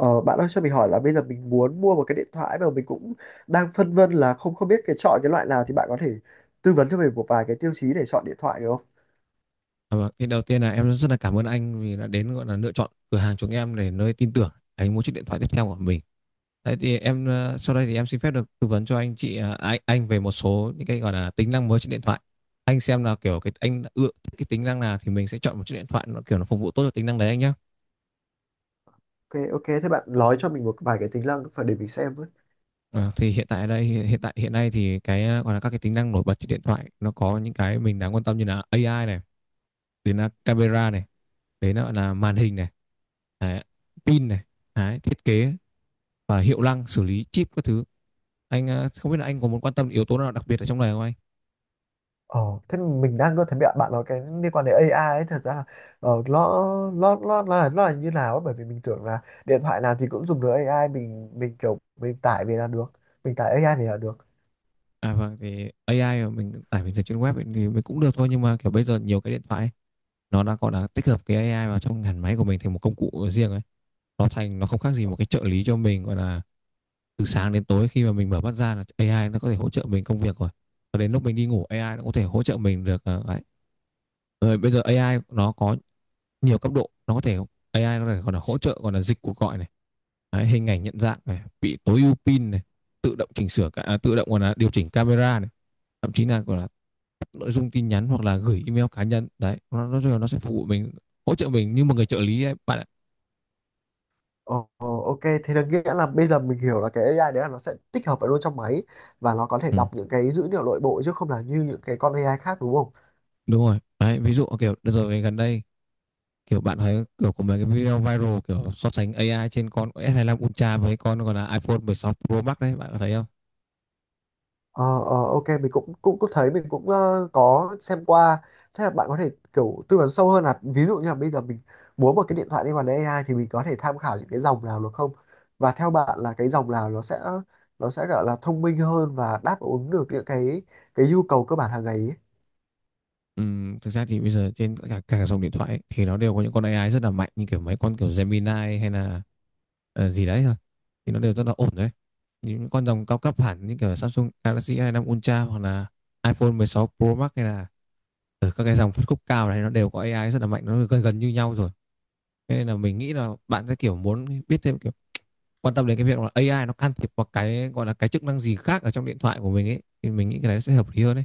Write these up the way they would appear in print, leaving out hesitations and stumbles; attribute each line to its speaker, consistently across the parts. Speaker 1: Ờ, Bạn ơi cho mình hỏi là bây giờ mình muốn mua một cái điện thoại mà mình cũng đang phân vân là không không biết chọn cái loại nào thì bạn có thể tư vấn cho mình một vài cái tiêu chí để chọn điện thoại được không?
Speaker 2: À, vâng. Thì đầu tiên là em rất là cảm ơn anh vì đã đến gọi là lựa chọn cửa hàng chúng em để nơi tin tưởng anh mua chiếc điện thoại tiếp theo của mình. Đấy thì em sau đây thì em xin phép được tư vấn cho anh chị anh về một số những cái gọi là tính năng mới trên điện thoại. Anh xem là kiểu cái anh đã ưa thích cái tính năng nào thì mình sẽ chọn một chiếc điện thoại nó kiểu nó phục vụ tốt cho tính năng đấy anh nhé.
Speaker 1: Ok, ok, thế bạn nói cho mình một vài cái tính năng phải để mình xem với.
Speaker 2: Ờ, thì hiện tại đây hiện tại hiện nay thì gọi là các cái tính năng nổi bật trên điện thoại nó có những cái mình đáng quan tâm như là AI này, đến là camera này, đến là màn hình này, đấy, pin này, đấy, thiết kế và hiệu năng xử lý chip các thứ. Anh không biết là anh có muốn quan tâm yếu tố nào đặc biệt ở trong này không anh?
Speaker 1: Ờ, Thế mình đang có thấy bạn bạn nói cái liên quan đến AI ấy, thật ra là ờ, nó nó là như nào ấy, bởi vì mình tưởng là điện thoại nào thì cũng dùng được AI, mình kiểu mình tải về là được, mình tải AI về là được.
Speaker 2: À, vâng, thì AI mà mình tải từ trên web ấy, thì mình cũng được thôi, nhưng mà kiểu bây giờ nhiều cái điện thoại ấy, nó đã gọi là tích hợp cái AI vào trong hẳn máy của mình thành một công cụ riêng ấy. Nó thành nó không khác gì một cái trợ lý cho mình, gọi là từ sáng đến tối, khi mà mình mở mắt ra là AI nó có thể hỗ trợ mình công việc rồi, và đến lúc mình đi ngủ AI nó có thể hỗ trợ mình được, đấy. Rồi bây giờ AI nó có nhiều cấp độ, nó có thể AI có thể còn là hỗ trợ, còn là dịch cuộc gọi này. Đấy, hình ảnh nhận dạng này, bị tối ưu pin này, tự động chỉnh sửa cả, à, tự động còn là điều chỉnh camera này, thậm chí là còn là nội dung tin nhắn hoặc là gửi email cá nhân. Đấy nó sẽ phục vụ mình, hỗ trợ mình như một người trợ lý ấy, bạn ạ.
Speaker 1: Ồ, ok, thế là nghĩa là bây giờ mình hiểu là cái AI đấy là nó sẽ tích hợp vào luôn trong máy và nó có thể
Speaker 2: Ừ,
Speaker 1: đọc những cái dữ liệu nội bộ chứ không là như những cái con AI khác, đúng không?
Speaker 2: đúng rồi đấy, ví dụ kiểu đợt rồi gần đây kiểu bạn thấy kiểu của mấy cái video viral kiểu so sánh AI trên con s lăm Ultra với con còn là iPhone 16 Pro Max, đấy, bạn có thấy không?
Speaker 1: Ờ, ờ, ok, mình cũng cũng cũng thấy mình cũng có xem qua. Thế là bạn có thể kiểu tư vấn sâu hơn là ví dụ như là bây giờ mình muốn một cái điện thoại đi vào AI thì mình có thể tham khảo những cái dòng nào được không? Và theo bạn là cái dòng nào nó sẽ gọi là thông minh hơn và đáp ứng được những cái nhu cầu cơ bản hàng ngày ý?
Speaker 2: Thực ra thì bây giờ trên cả dòng điện thoại ấy, thì nó đều có những con AI rất là mạnh, như kiểu mấy con kiểu Gemini hay là gì đấy thôi, thì nó đều rất là ổn đấy. Những con dòng cao cấp hẳn như kiểu Samsung Galaxy A5 Ultra hoặc là iPhone 16 Pro Max hay là ở các cái dòng phân khúc cao này, nó đều có AI rất là mạnh, nó gần gần như nhau rồi. Thế nên là mình nghĩ là bạn sẽ kiểu muốn biết thêm, kiểu quan tâm đến cái việc là AI nó can thiệp vào cái gọi là cái chức năng gì khác ở trong điện thoại của mình ấy, thì mình nghĩ cái này sẽ hợp lý hơn đấy.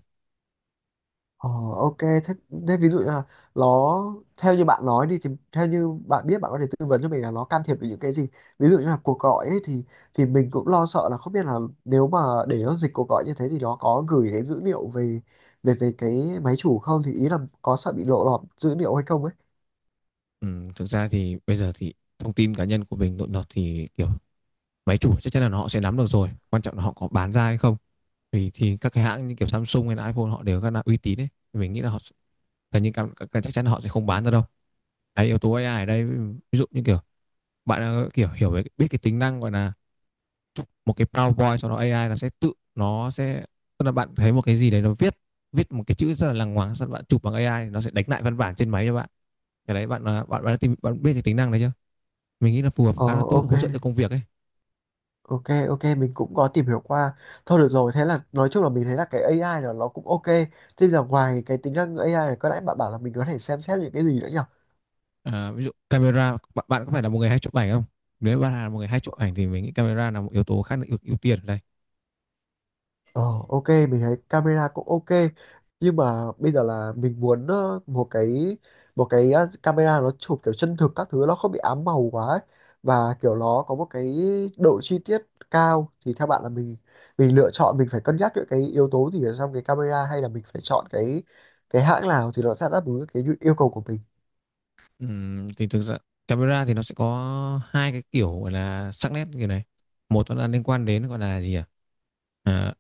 Speaker 1: Ờ, ok, thế ví dụ như là nó, theo như bạn nói đi, thì theo như bạn biết, bạn có thể tư vấn cho mình là nó can thiệp về những cái gì, ví dụ như là cuộc gọi ấy, thì mình cũng lo sợ là không biết là, nếu mà để nó dịch cuộc gọi như thế thì nó có gửi cái dữ liệu về về về cái máy chủ không, thì ý là có sợ bị lộ lọt dữ liệu hay không ấy.
Speaker 2: Thực ra thì bây giờ thì thông tin cá nhân của mình nội lọt thì kiểu máy chủ chắc chắn là họ sẽ nắm được rồi. Quan trọng là họ có bán ra hay không. Vì thì các cái hãng như kiểu Samsung hay là iPhone họ đều rất là uy tín ấy. Thì mình nghĩ là họ gần như chắc chắn là họ sẽ không bán ra đâu. Đấy, yếu tố AI ở đây, ví dụ như kiểu bạn kiểu hiểu về biết cái tính năng gọi là một cái PowerPoint, sau đó AI nó sẽ tự nó sẽ, tức là bạn thấy một cái gì đấy, nó viết viết một cái chữ rất là lằng ngoáng, sau đó bạn chụp bằng AI, nó sẽ đánh lại văn bản trên máy cho bạn. Cái đấy bạn ờ, bạn bạn, đã tìm, bạn biết cái tính năng đấy chưa? Mình nghĩ là phù hợp,
Speaker 1: Ờ
Speaker 2: khá là tốt,
Speaker 1: ok,
Speaker 2: hỗ trợ cho công việc ấy.
Speaker 1: ok, ok, mình cũng có tìm hiểu qua. Thôi được rồi, thế là nói chung là mình thấy là cái AI là nó cũng ok. Thế là ngoài cái tính năng AI này có lẽ bạn bảo là mình có thể xem xét những cái gì nữa nhỉ?
Speaker 2: À, ví dụ camera, bạn có phải là một người hay chụp ảnh không? Nếu bạn là một người hay chụp ảnh thì mình nghĩ camera là một yếu tố khá là ưu tiên ở đây.
Speaker 1: Ờ, ok, mình thấy camera cũng ok, nhưng mà bây giờ là mình muốn một cái camera nó chụp kiểu chân thực các thứ, nó không bị ám màu quá ấy. Và kiểu nó có một cái độ chi tiết cao, thì theo bạn là mình lựa chọn mình phải cân nhắc những cái yếu tố gì ở trong cái camera, hay là mình phải chọn cái hãng nào thì nó sẽ đáp ứng cái yêu cầu của mình.
Speaker 2: Thì thực ra camera thì nó sẽ có hai cái kiểu gọi là sắc nét như này. Một, nó là liên quan đến gọi là gì à, à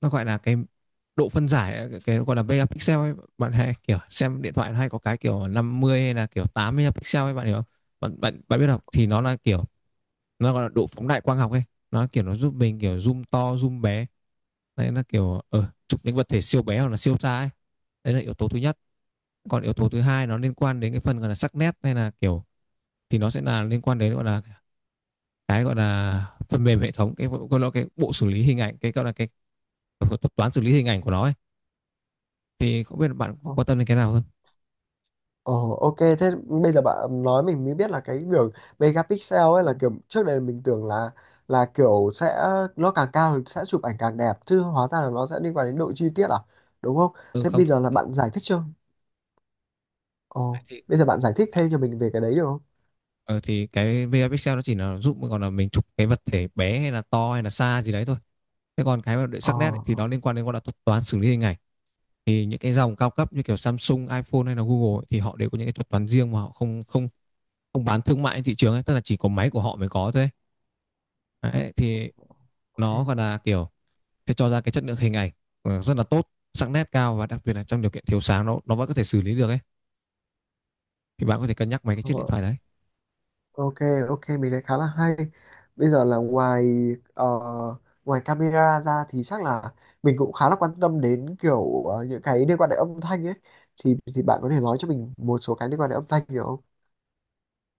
Speaker 2: nó gọi là cái độ phân giải, cái gọi là megapixel ấy, bạn hay kiểu xem điện thoại hay có cái kiểu 50 hay là kiểu 80 pixel ấy bạn hiểu không? Bạn bạn bạn biết không, thì nó là kiểu nó gọi là độ phóng đại quang học ấy. Nó kiểu nó giúp mình kiểu zoom to zoom bé, đấy, nó kiểu chụp những vật thể siêu bé hoặc là siêu xa ấy. Đấy là yếu tố thứ nhất. Còn yếu tố thứ hai nó liên quan đến cái phần gọi là sắc nét hay là kiểu, thì nó sẽ là liên quan đến gọi là cái gọi là phần mềm hệ thống, cái gọi là cái bộ xử lý hình ảnh, cái gọi là cái thuật toán xử lý hình ảnh của nó ấy. Thì không biết bạn
Speaker 1: Ờ.
Speaker 2: quan tâm đến cái nào hơn?
Speaker 1: Ồ, ok, thế bây giờ bạn nói mình mới biết là cái đường megapixel ấy, là kiểu trước đây mình tưởng là kiểu sẽ nó càng cao thì sẽ chụp ảnh càng đẹp, chứ hóa ra là nó sẽ liên quan đến độ chi tiết à, đúng không?
Speaker 2: Ừ
Speaker 1: Thế
Speaker 2: không.
Speaker 1: bây giờ là bạn giải thích chưa? Ồ,
Speaker 2: Thì
Speaker 1: bây giờ bạn giải thích thêm cho mình về cái đấy được không?
Speaker 2: ờ, thì cái VR Pixel nó chỉ là giúp còn là mình chụp cái vật thể bé hay là to hay là xa gì đấy thôi. Thế còn cái mà để
Speaker 1: Ờ,
Speaker 2: sắc nét ấy, thì
Speaker 1: ờ,
Speaker 2: nó liên quan đến gọi là thuật toán xử lý hình ảnh. Thì những cái dòng cao cấp như kiểu Samsung, iPhone hay là Google ấy, thì họ đều có những cái thuật toán riêng mà họ không không không bán thương mại trên thị trường ấy, tức là chỉ có máy của họ mới có thôi. Đấy, thì nó
Speaker 1: ok.
Speaker 2: gọi là kiểu sẽ cho ra cái chất lượng hình ảnh rất là tốt, sắc nét cao, và đặc biệt là trong điều kiện thiếu sáng nó vẫn có thể xử lý được ấy. Thì bạn có thể cân nhắc mấy cái chiếc điện
Speaker 1: Ờ.
Speaker 2: thoại đấy.
Speaker 1: Ok, ok, mình thấy khá là hay. Bây giờ là ờ, ngoài camera ra thì chắc là mình cũng khá là quan tâm đến kiểu những cái liên quan đến âm thanh ấy. Thì bạn có thể nói cho mình một số cái liên quan đến âm thanh được không?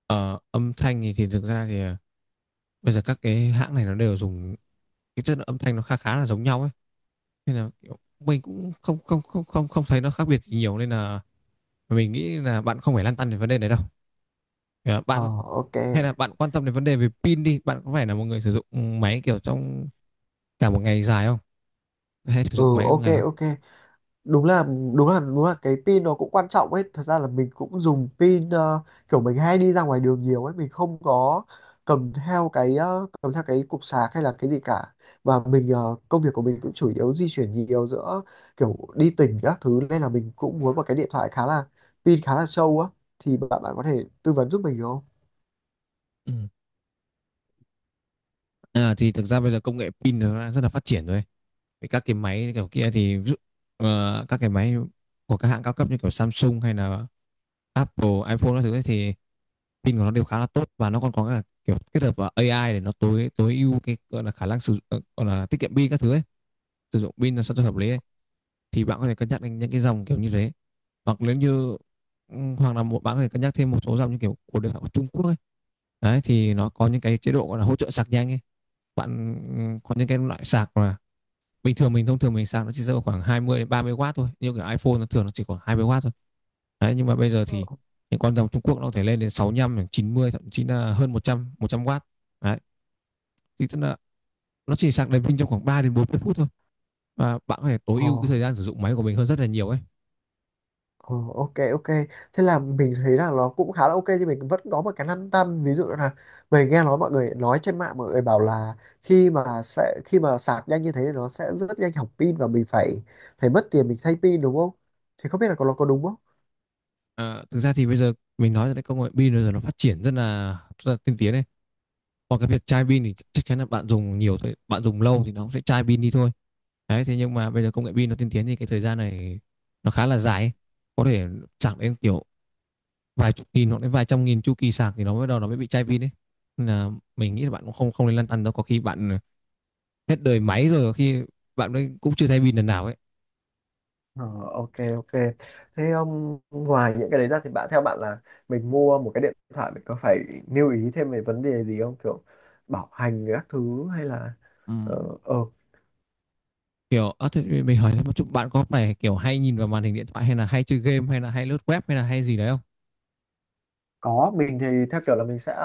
Speaker 2: Ờ, âm thanh thì thực ra thì bây giờ các cái hãng này nó đều dùng cái chất lượng âm thanh nó khá khá là giống nhau ấy, nên là kiểu mình cũng không không không không không thấy nó khác biệt gì nhiều, nên là mình nghĩ là bạn không phải lăn tăn về vấn đề này đâu. Ờ,
Speaker 1: Ờ,
Speaker 2: bạn
Speaker 1: ok.
Speaker 2: hay là bạn quan tâm đến vấn đề về pin đi. Bạn có phải là một người sử dụng máy kiểu trong cả một ngày dài không, hay sử
Speaker 1: Ừ,
Speaker 2: dụng máy một
Speaker 1: ok,
Speaker 2: ngày không?
Speaker 1: ok. đúng là đúng là cái pin nó cũng quan trọng ấy, thật ra là mình cũng dùng pin, kiểu mình hay đi ra ngoài đường nhiều ấy, mình không có cầm theo cái cục sạc hay là cái gì cả. Và mình công việc của mình cũng chủ yếu di chuyển nhiều giữa kiểu đi tỉnh các thứ, nên là mình cũng muốn một cái điện thoại khá là pin, khá là sâu á, thì bạn bạn có thể tư vấn giúp mình được không?
Speaker 2: Ừ. À, thì thực ra bây giờ công nghệ pin nó đã rất là phát triển rồi. Thì các cái máy kiểu kia thì ví dụ, các cái máy của các hãng cao cấp như kiểu Samsung hay là Apple iPhone các thứ ấy thì pin của nó đều khá là tốt, và nó còn có cả kiểu kết hợp vào AI để nó tối tối ưu cái gọi là khả năng sử dụng, gọi là tiết kiệm pin các thứ ấy, sử dụng pin là sao cho hợp lý ấy. Thì bạn có thể cân nhắc đến những cái dòng kiểu như thế, hoặc nếu như ừ, hoặc là một bạn có thể cân nhắc thêm một số dòng như kiểu của điện thoại của Trung Quốc ấy. Đấy thì nó có những cái chế độ gọi là hỗ trợ sạc nhanh ấy bạn. Ừ, có những cái loại sạc mà bình thường thông thường mình sạc nó chỉ rơi vào khoảng 20 đến 30 W thôi, nhưng cái iPhone nó thường nó chỉ khoảng 20 W thôi, đấy, nhưng mà bây giờ
Speaker 1: Ờ.
Speaker 2: thì những con dòng Trung Quốc nó có thể lên đến sáu mươi lăm, chín mươi, thậm chí là hơn một trăm W. Đấy, thì tức là nó chỉ sạc đèn pin trong khoảng 3 đến 40 phút thôi, và bạn có thể tối
Speaker 1: Ờ.
Speaker 2: ưu cái thời gian sử dụng máy của mình hơn rất là nhiều ấy.
Speaker 1: Ờ, ok, ok, thế là mình thấy là nó cũng khá là ok, nhưng mình vẫn có một cái lăn tăn, ví dụ là mình nghe nói mọi người nói trên mạng, mọi người bảo là khi mà sẽ khi mà sạc nhanh như thế thì nó sẽ rất nhanh hỏng pin và mình phải phải mất tiền mình thay pin, đúng không, thì không biết là nó có đúng không?
Speaker 2: À, thực ra thì bây giờ mình nói là cái công nghệ pin bây giờ nó phát triển rất là tiên tiến này. Còn cái việc chai pin thì chắc chắn là bạn dùng nhiều thôi, bạn dùng lâu thì nó cũng sẽ chai pin đi thôi. Đấy, thế nhưng mà bây giờ công nghệ pin nó tiên tiến thì cái thời gian này nó khá là dài ấy. Có thể sạc đến kiểu vài chục nghìn hoặc đến vài trăm nghìn chu kỳ sạc thì nó mới bị chai pin đấy. Nên là mình nghĩ là bạn cũng không không nên lăn tăn đâu, có khi bạn hết đời máy rồi, có khi bạn ấy cũng chưa thay pin lần nào ấy.
Speaker 1: Ờ, ok, ok, thế ngoài những cái đấy ra thì bạn, theo bạn là mình mua một cái điện thoại mình có phải lưu ý thêm về vấn đề gì không, kiểu bảo hành các thứ hay là
Speaker 2: Ừ.
Speaker 1: ờ
Speaker 2: Thế mình hỏi thêm một chút, bạn có phải kiểu hay nhìn vào màn hình điện thoại, hay là hay chơi game, hay là hay lướt web, hay là hay gì đấy không?
Speaker 1: Có, mình thì theo kiểu là mình sẽ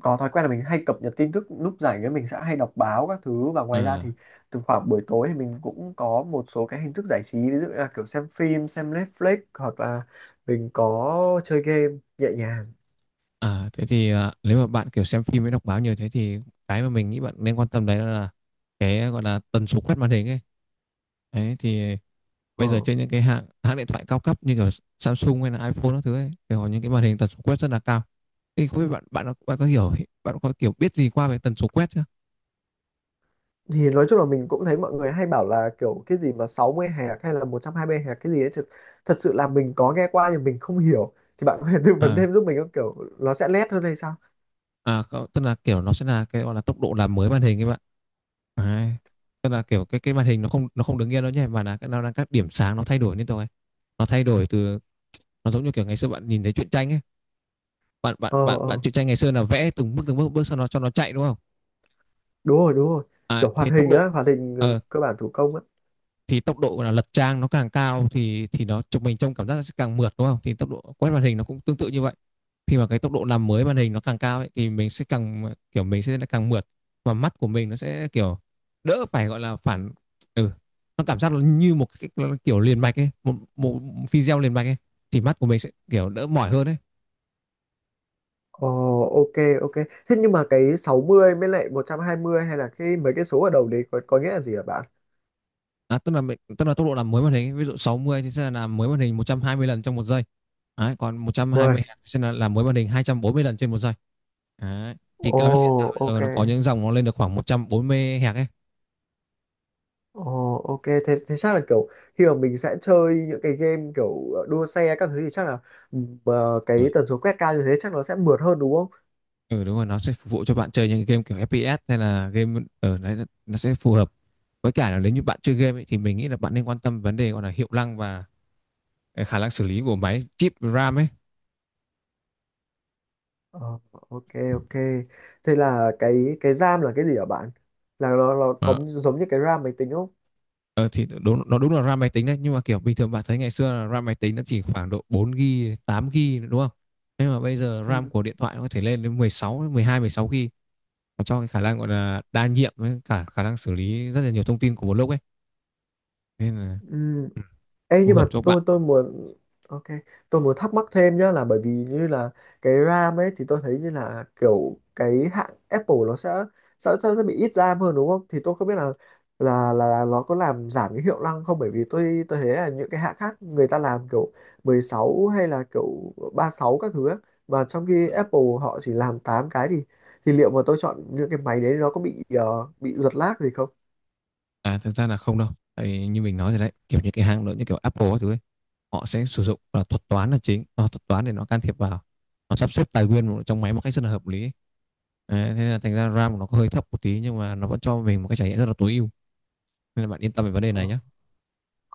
Speaker 1: có thói quen là mình hay cập nhật tin tức lúc rảnh ấy, mình sẽ hay đọc báo các thứ, và ngoài ra thì
Speaker 2: À.
Speaker 1: từ khoảng buổi tối thì mình cũng có một số cái hình thức giải trí, ví dụ như là kiểu xem phim, xem Netflix, hoặc là mình có chơi game nhẹ nhàng.
Speaker 2: À, thế thì nếu mà bạn kiểu xem phim với đọc báo nhiều thế thì cái mà mình nghĩ bạn nên quan tâm đấy là cái gọi là tần số quét màn hình ấy. Đấy, thì bây giờ
Speaker 1: Ờ.
Speaker 2: trên những cái hãng hãng điện thoại cao cấp như kiểu Samsung hay là iPhone các thứ ấy thì họ những cái màn hình tần số quét rất là cao. Thì không biết bạn bạn có hiểu, bạn có kiểu biết gì qua về tần số quét chưa?
Speaker 1: Thì nói chung là mình cũng thấy mọi người hay bảo là kiểu cái gì mà 60 hạt hay là 120 hạt cái gì ấy, thật sự là mình có nghe qua nhưng mình không hiểu, thì bạn có thể tư vấn
Speaker 2: À
Speaker 1: thêm giúp mình không, kiểu nó sẽ lét hơn hay sao?
Speaker 2: Tức là kiểu nó sẽ là cái gọi là tốc độ làm mới màn hình ấy bạn. Đấy. Tức
Speaker 1: Ừ.
Speaker 2: là kiểu cái màn hình nó không, nó không đứng yên đâu nhé, mà là nó là các điểm sáng nó thay đổi liên tục ấy. Nó thay đổi từ, nó giống như kiểu ngày xưa bạn nhìn thấy truyện tranh ấy, bạn bạn
Speaker 1: Ờ,
Speaker 2: bạn bạn
Speaker 1: ờ.
Speaker 2: truyện tranh ngày xưa là vẽ từng bước bước cho nó chạy đúng không?
Speaker 1: Đúng rồi, đúng rồi,
Speaker 2: à,
Speaker 1: kiểu hoạt
Speaker 2: thì tốc
Speaker 1: hình
Speaker 2: độ
Speaker 1: á,
Speaker 2: ờ,
Speaker 1: cơ bản thủ công á.
Speaker 2: thì tốc độ là lật trang nó càng cao thì nó chụp mình trong cảm giác nó sẽ càng mượt đúng không, thì tốc độ quét màn hình nó cũng tương tự như vậy. Khi mà cái tốc độ làm mới màn hình nó càng cao ấy, thì mình sẽ càng kiểu mình sẽ càng mượt, và mắt của mình nó sẽ kiểu đỡ phải gọi là phản, ừ, nó cảm giác nó như một cái kiểu liền mạch ấy, một một video liền mạch ấy, thì mắt của mình sẽ kiểu đỡ mỏi hơn ấy.
Speaker 1: Ồ, ok, ok, thế nhưng mà cái 60 mới lại 120, hay là cái mấy cái số ở đầu đấy có nghĩa là gì hả bạn?
Speaker 2: À, tức là tốc độ làm mới màn hình ví dụ 60 thì sẽ là làm mới màn hình 120 lần trong một giây. Đấy, còn 120
Speaker 1: Uầy,
Speaker 2: Hz sẽ là làm mới màn hình 240 lần trên một giây. Đấy. Thì
Speaker 1: ồ,
Speaker 2: cao nhất hiện tại bây
Speaker 1: ok.
Speaker 2: giờ nó có những dòng nó lên được khoảng 140 Hz ấy.
Speaker 1: Ồ, ok, thế chắc là kiểu khi mà mình sẽ chơi những cái game kiểu đua xe các thứ thì chắc là
Speaker 2: Ờ,
Speaker 1: cái tần số quét cao như thế chắc nó sẽ mượt hơn, đúng không?
Speaker 2: ừ đúng rồi, nó sẽ phục vụ cho bạn chơi những game kiểu FPS hay là game ở đấy nó- sẽ phù hợp. Với cả là nếu như bạn chơi game ấy, thì mình nghĩ là bạn nên quan tâm vấn đề gọi là hiệu năng và khả năng xử lý của máy, chip, RAM ấy.
Speaker 1: Ờ, ok, ok, thế là cái RAM là cái gì hả bạn, là nó có
Speaker 2: Ờ.
Speaker 1: giống như cái RAM máy tính không?
Speaker 2: Ờ, thì đúng là RAM máy tính đấy, nhưng mà kiểu bình thường bạn thấy ngày xưa là RAM máy tính nó chỉ khoảng độ 4GB, 8GB nữa, đúng không? Nhưng mà bây giờ RAM của điện thoại nó có thể lên đến 16, 12, 16GB và cho cái khả năng gọi là đa nhiệm với cả khả năng xử lý rất là nhiều thông tin của một lúc ấy. Nên là
Speaker 1: Ừ.
Speaker 2: ừ,
Speaker 1: Ê,
Speaker 2: phù
Speaker 1: nhưng mà
Speaker 2: hợp cho bạn.
Speaker 1: tôi muốn ok, tôi muốn thắc mắc thêm nhá, là bởi vì như là cái RAM ấy thì tôi thấy như là kiểu cái hãng Apple nó sẽ bị ít RAM hơn, đúng không, thì tôi không biết là nó có làm giảm cái hiệu năng không, bởi vì tôi thấy là những cái hãng khác người ta làm kiểu 16 hay là kiểu 36 các thứ ấy. Và trong khi Apple họ chỉ làm 8 cái thì liệu mà tôi chọn những cái máy đấy nó có bị bị giật lag gì không?
Speaker 2: À thực ra là không đâu. Tại vì như mình nói rồi đấy, kiểu như cái hãng lớn như kiểu Apple các thứ ấy, họ sẽ sử dụng là thuật toán là chính, thuật toán để nó can thiệp vào, nó sắp xếp tài nguyên trong máy một cách rất là hợp lý ấy. Đấy, thế nên là thành ra RAM của nó có hơi thấp một tí nhưng mà nó vẫn cho mình một cái trải nghiệm rất là tối ưu. Nên là bạn yên tâm về vấn đề này
Speaker 1: Ờ,
Speaker 2: nhé.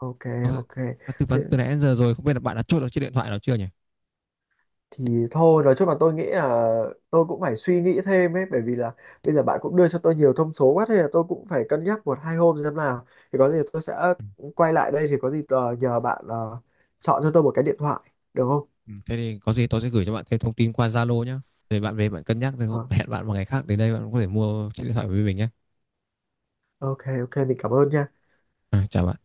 Speaker 1: ok, ok,
Speaker 2: Tư
Speaker 1: thế
Speaker 2: vấn từ nãy đến giờ rồi, không biết là bạn đã chốt được chiếc điện thoại nào chưa nhỉ?
Speaker 1: thì thôi nói chung là tôi nghĩ là tôi cũng phải suy nghĩ thêm ấy, bởi vì là bây giờ bạn cũng đưa cho tôi nhiều thông số quá, thế là tôi cũng phải cân nhắc một hai hôm xem nào, thì có gì tôi sẽ
Speaker 2: Ừ.
Speaker 1: quay lại đây, thì có gì nhờ bạn chọn cho tôi một cái điện thoại được không?
Speaker 2: Ừ, thế thì có gì tôi sẽ gửi cho bạn thêm thông tin qua Zalo nhé. Để bạn về bạn cân nhắc rồi
Speaker 1: Ờ,
Speaker 2: hẹn bạn một ngày khác đến đây bạn có thể mua chiếc điện thoại với mình nhé.
Speaker 1: ok, ok, mình cảm ơn nha.
Speaker 2: À, chào bạn.